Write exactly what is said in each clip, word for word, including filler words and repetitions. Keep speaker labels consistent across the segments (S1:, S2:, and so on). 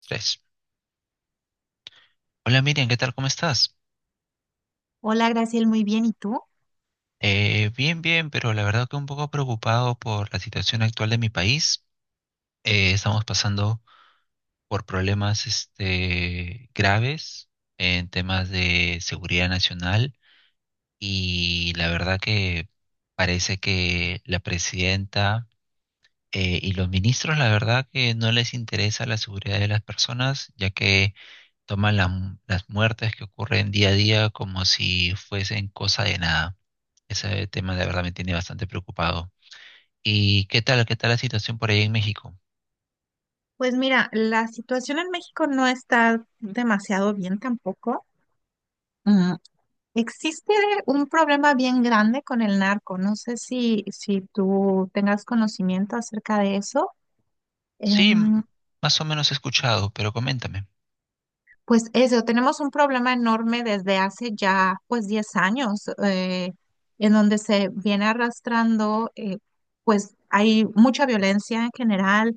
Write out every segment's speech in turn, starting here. S1: Tres. Hola Miriam, ¿qué tal? ¿Cómo estás?
S2: Hola, Graciel, muy bien. ¿Y tú?
S1: Eh, bien, bien, pero la verdad que un poco preocupado por la situación actual de mi país. Eh, estamos pasando por problemas este, graves en temas de seguridad nacional, y la verdad que parece que la presidenta eh, y los ministros, la verdad que no les interesa la seguridad de las personas, ya que toman la- las muertes que ocurren día a día como si fuesen cosa de nada. Ese tema de verdad me tiene bastante preocupado. ¿Y qué tal, qué tal la situación por ahí en México?
S2: Pues mira, la situación en México no está demasiado bien tampoco. Mm, Existe un problema bien grande con el narco. No sé si, si tú tengas conocimiento acerca de eso.
S1: Sí, m-
S2: Em,
S1: más o menos he escuchado, pero coméntame.
S2: Pues eso, tenemos un problema enorme desde hace ya pues diez años, eh, en donde se viene arrastrando, eh, pues hay mucha violencia en general,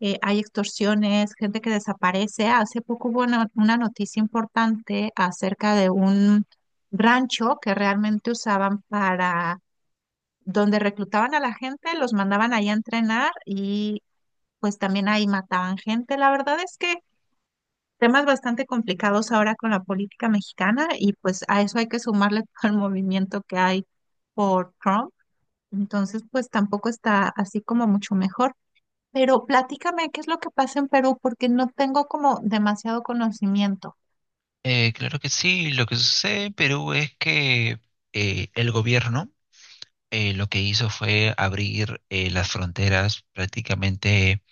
S2: eh, hay extorsiones, gente que desaparece. Hace poco hubo una, una noticia importante acerca de un rancho que realmente usaban para, donde reclutaban a la gente, los mandaban ahí a entrenar y pues también ahí mataban gente. La verdad es que temas bastante complicados ahora con la política mexicana y pues a eso hay que sumarle todo el movimiento que hay por Trump. Entonces, pues tampoco está así como mucho mejor. Pero platícame qué es lo que pasa en Perú porque no tengo como demasiado conocimiento.
S1: Eh, claro que sí. Lo que sucede en Perú es que eh, el gobierno, eh, lo que hizo fue abrir, eh, las fronteras prácticamente,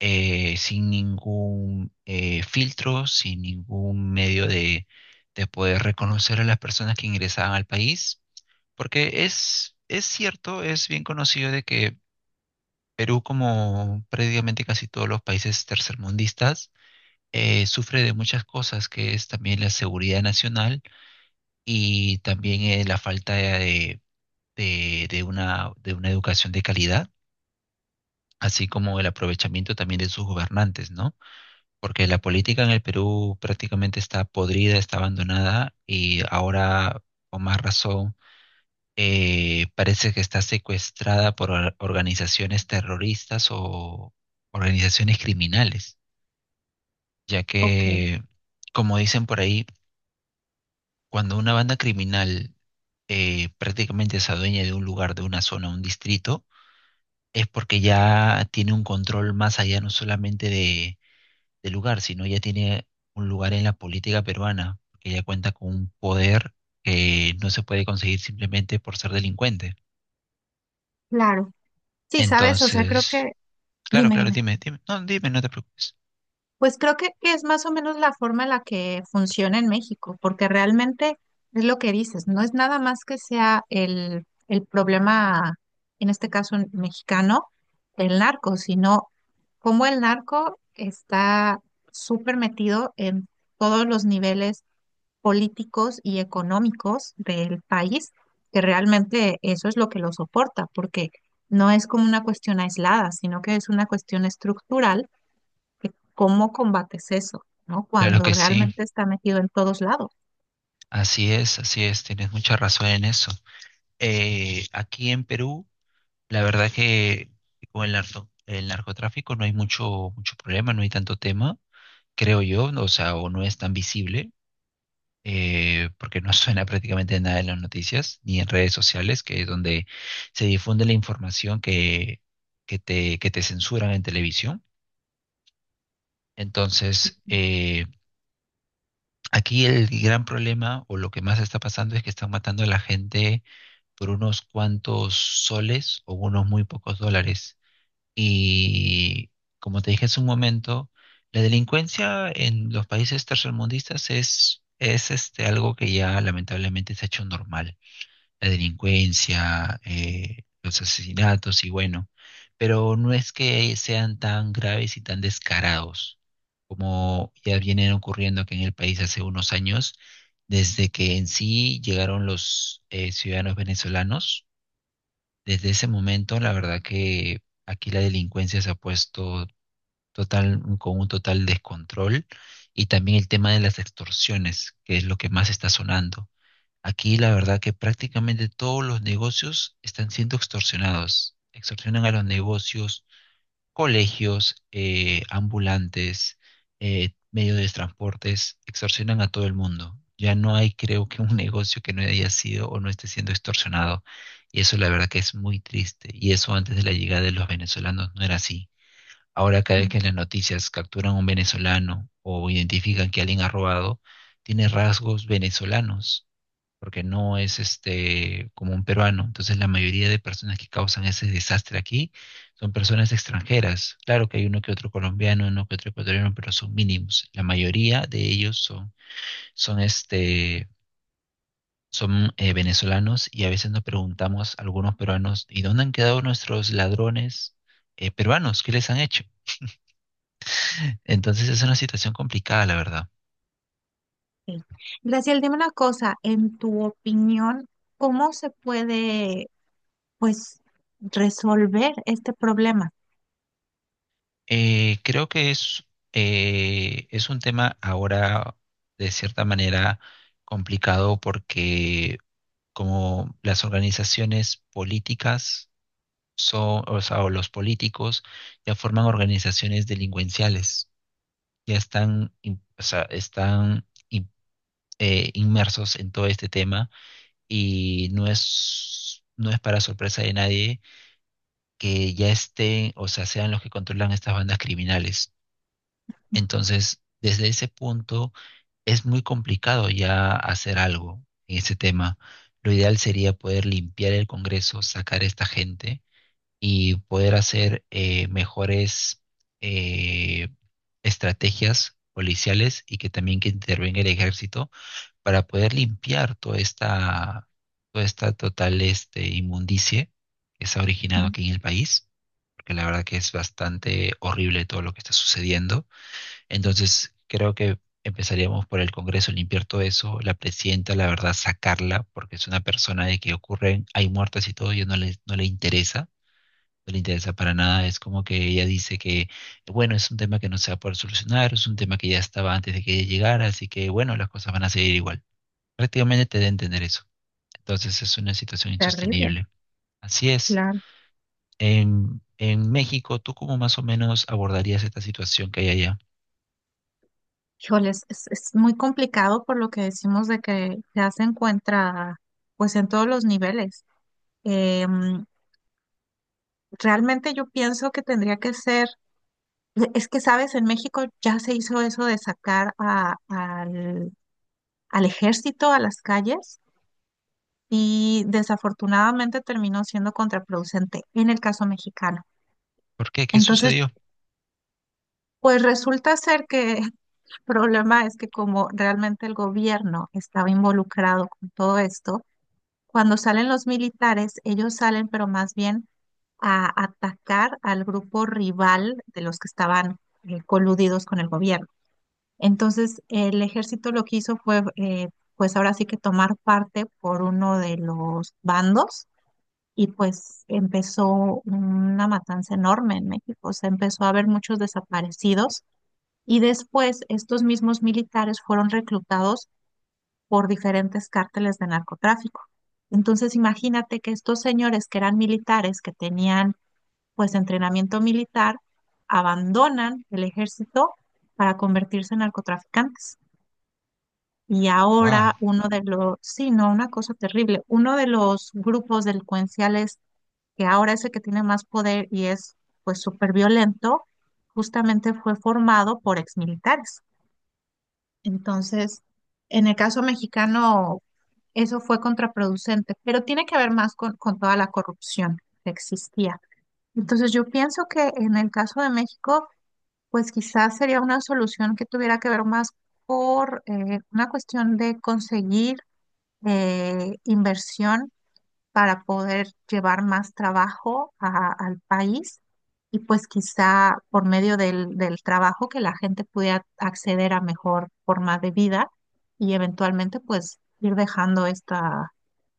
S1: eh, sin ningún, eh, filtro, sin ningún medio de, de poder reconocer a las personas que ingresaban al país, porque es, es cierto, es bien conocido de que Perú, como prácticamente casi todos los países tercermundistas, eh, sufre de muchas cosas, que es también la seguridad nacional y también, eh, la falta de, de- de una, de una educación de calidad, así como el aprovechamiento también de sus gobernantes, ¿no? Porque la política en el Perú prácticamente está podrida, está abandonada, y ahora, con más razón, eh, parece que está secuestrada por or- organizaciones terroristas o organizaciones criminales. Ya
S2: Ok,
S1: que, como dicen por ahí, cuando una banda criminal eh, prácticamente se adueña de un lugar, de una zona, un distrito, es porque ya tiene un control más allá no solamente de, del lugar, sino ya tiene un lugar en la política peruana, porque ya cuenta con un poder que no se puede conseguir simplemente por ser delincuente.
S2: claro. Sí, sabes, o sea, creo
S1: Entonces,
S2: que,
S1: claro,
S2: dime,
S1: claro,
S2: dime.
S1: dime, dime, no, dime, no te preocupes.
S2: Pues creo que, que es más o menos la forma en la que funciona en México, porque realmente es lo que dices, no es nada más que sea el, el problema, en este caso mexicano, del narco, sino cómo el narco está súper metido en todos los niveles políticos y económicos del país, que realmente eso es lo que lo soporta, porque no es como una cuestión aislada, sino que es una cuestión estructural que ¿cómo combates eso, no?
S1: Claro
S2: Cuando, sí,
S1: que sí,
S2: realmente está metido en todos lados.
S1: así es, así es, tienes mucha razón en eso. Eh, aquí en Perú, la verdad que con el narco- el narcotráfico no hay mucho, mucho problema, no hay tanto tema, creo yo, no, o sea, o no es tan visible, eh, porque no suena prácticamente nada en las noticias, ni en redes sociales, que es donde se difunde la información que, que te, que te censuran en televisión. Entonces, eh, aquí el gran problema, o lo que más está pasando, es que están matando a la gente por unos cuantos soles o unos muy pocos dólares. Y como te dije hace un momento, la delincuencia en los países tercermundistas es, es este, algo que ya lamentablemente se ha hecho normal. La delincuencia, eh, los asesinatos y bueno, pero no es que sean tan graves y tan descarados como ya vienen ocurriendo aquí en el país hace unos años, desde que en sí llegaron los, eh, ciudadanos venezolanos. Desde ese momento, la verdad que aquí la delincuencia se ha puesto total, con un total descontrol, y también el tema de las extorsiones, que es lo que más está sonando. Aquí la verdad que prácticamente todos los negocios están siendo extorsionados. Extorsionan a los negocios, colegios, eh, ambulantes, eh, medios de transportes, extorsionan a todo el mundo. Ya no hay, creo que, un negocio que no haya sido o no esté siendo extorsionado. Y eso la verdad que es muy triste. Y eso antes de la llegada de los venezolanos no era así. Ahora cada vez
S2: Mm,
S1: que en las noticias capturan a un venezolano o identifican que alguien ha robado, tiene rasgos venezolanos porque no es este como un peruano. Entonces la mayoría de personas que causan ese desastre aquí son personas extranjeras. Claro que hay uno que otro colombiano, uno que otro ecuatoriano, pero son mínimos. La mayoría de ellos son, son este son eh, venezolanos, y a veces nos preguntamos a algunos peruanos, ¿y dónde han quedado nuestros ladrones, eh, peruanos? ¿Qué les han hecho? Entonces es una situación complicada, la verdad.
S2: ok. Graciel, dime una cosa, en tu opinión, ¿cómo se puede, pues, resolver este problema?
S1: Eh, creo que es, eh, es un tema ahora de cierta manera complicado porque como las organizaciones políticas son, o sea, o los políticos ya forman organizaciones delincuenciales, ya están, in- o sea, están in- eh, inmersos en todo este tema, y no es, no es para sorpresa de nadie que ya estén, o sea, sean los que controlan estas bandas criminales. Entonces, desde ese punto es muy complicado ya hacer algo en ese tema. Lo ideal sería poder limpiar el Congreso, sacar a esta gente y poder hacer, eh, mejores, eh, estrategias policiales, y que también que intervenga el ejército para poder limpiar toda esta, toda esta total este, inmundicie que se ha originado
S2: Mm,
S1: aquí en el país, porque la verdad que es bastante horrible todo lo que está sucediendo. Entonces, creo que empezaríamos por el Congreso, limpiar todo eso, la presidenta, la verdad, sacarla, porque es una persona de que ocurren, hay muertes y todo, y no le, no le interesa, no le interesa para nada. Es como que ella dice que, bueno, es un tema que no se va a poder solucionar, es un tema que ya estaba antes de que ella llegara, así que, bueno, las cosas van a seguir igual. Prácticamente te da a entender eso. Entonces, es una situación
S2: terrible,
S1: insostenible. Así es.
S2: claro.
S1: En, en México, ¿tú cómo más o menos abordarías esta situación que hay allá?
S2: Híjoles, es, es muy complicado por lo que decimos de que ya se encuentra, pues, en todos los niveles. Em, Realmente yo pienso que tendría que ser es que, sabes, en México ya se hizo eso de sacar a, al al ejército, a las calles, y desafortunadamente terminó siendo contraproducente en el caso mexicano.
S1: ¿Por qué? ¿Qué
S2: Entonces,
S1: sucedió?
S2: pues resulta ser que el problema es que como realmente el gobierno estaba involucrado con todo esto, cuando salen los militares, ellos salen, pero más bien a atacar al grupo rival de los que estaban eh, coludidos con el gobierno. Entonces, el ejército lo que hizo fue, eh, pues ahora sí que tomar parte por uno de los bandos y pues empezó una matanza enorme en México. Se empezó a ver muchos desaparecidos y después estos mismos militares fueron reclutados por diferentes cárteles de narcotráfico. Entonces, imagínate que estos señores que eran militares, que tenían pues entrenamiento militar, abandonan el ejército para convertirse en narcotraficantes. Y
S1: Wow.
S2: ahora uno de los, sí, no, una cosa terrible, uno de los grupos delincuenciales que ahora es el que tiene más poder y es pues súper violento, justamente fue formado por exmilitares. Entonces, en el caso mexicano, eso fue contraproducente, pero tiene que ver más con, con toda la corrupción que existía. Entonces, yo pienso que en el caso de México, pues quizás sería una solución que tuviera que ver más por eh, una cuestión de conseguir eh, inversión para poder llevar más trabajo a- al país y pues quizá por medio del, del trabajo que la gente pudiera acceder a mejor forma de vida y eventualmente pues ir dejando esta,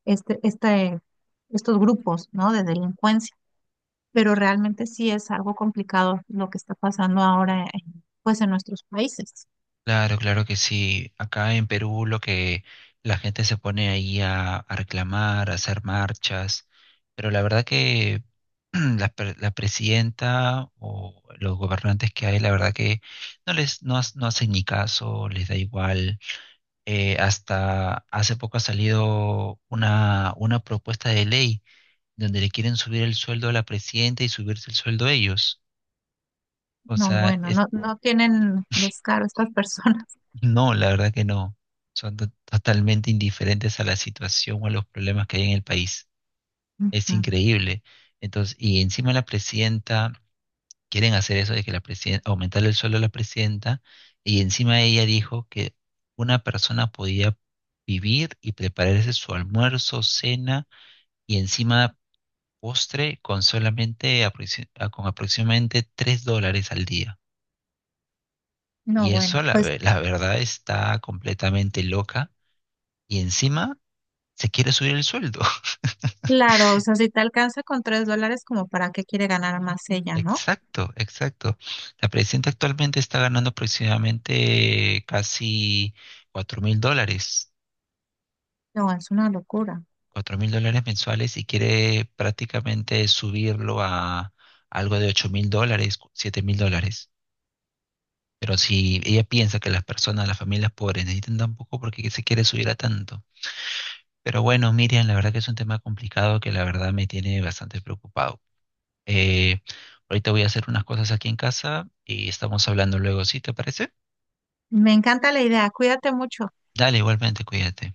S2: este, este, estos grupos, ¿no? de delincuencia. Pero realmente sí es algo complicado lo que está pasando ahora en, pues en nuestros países.
S1: Claro, claro que sí. Acá en Perú lo que la gente se pone ahí a, a reclamar, a hacer marchas, pero la verdad que la, pre- la presidenta o los gobernantes que hay, la verdad que no les no, ha- no hacen ni caso, les da igual. Eh, hasta hace poco ha salido una, una propuesta de ley donde le quieren subir el sueldo a la presidenta y subirse el sueldo a ellos. O
S2: No,
S1: sea,
S2: bueno, no, no tienen descaro estas personas.
S1: no, la verdad que no. Son to- totalmente indiferentes a la situación o a los problemas que hay en el país. Es
S2: Ujú.
S1: increíble. Entonces, y encima la presidenta, quieren hacer eso de que la presidenta, aumentar el sueldo a la presidenta, y encima ella dijo que una persona podía vivir y prepararse su almuerzo, cena y encima postre con solamente aproxi- a- con aproximadamente tres dólares al día.
S2: No,
S1: Y eso
S2: bueno,
S1: la,
S2: pues
S1: ve- la verdad está completamente loca. Y encima se quiere subir el sueldo.
S2: claro, o sea, si te alcanza con tres dólares, como para qué quiere ganar más ella, ¿no?
S1: Exacto, exacto. La presidenta actualmente está ganando aproximadamente casi cuatro mil dólares,
S2: No, es una locura.
S1: cuatro mil dólares mensuales, y quiere prácticamente subirlo a algo de ocho mil dólares, siete mil dólares. Pero si ella piensa que las personas, las familias pobres necesitan tan poco, ¿por qué se quiere subir a tanto? Pero bueno, Miriam, la verdad que es un tema complicado que la verdad me tiene bastante preocupado. Eh, Ahorita voy a hacer unas cosas aquí en casa y estamos hablando luego, ¿sí? ¿Te parece?
S2: Me encanta la idea. Cuídate mucho.
S1: Dale, igualmente, cuídate.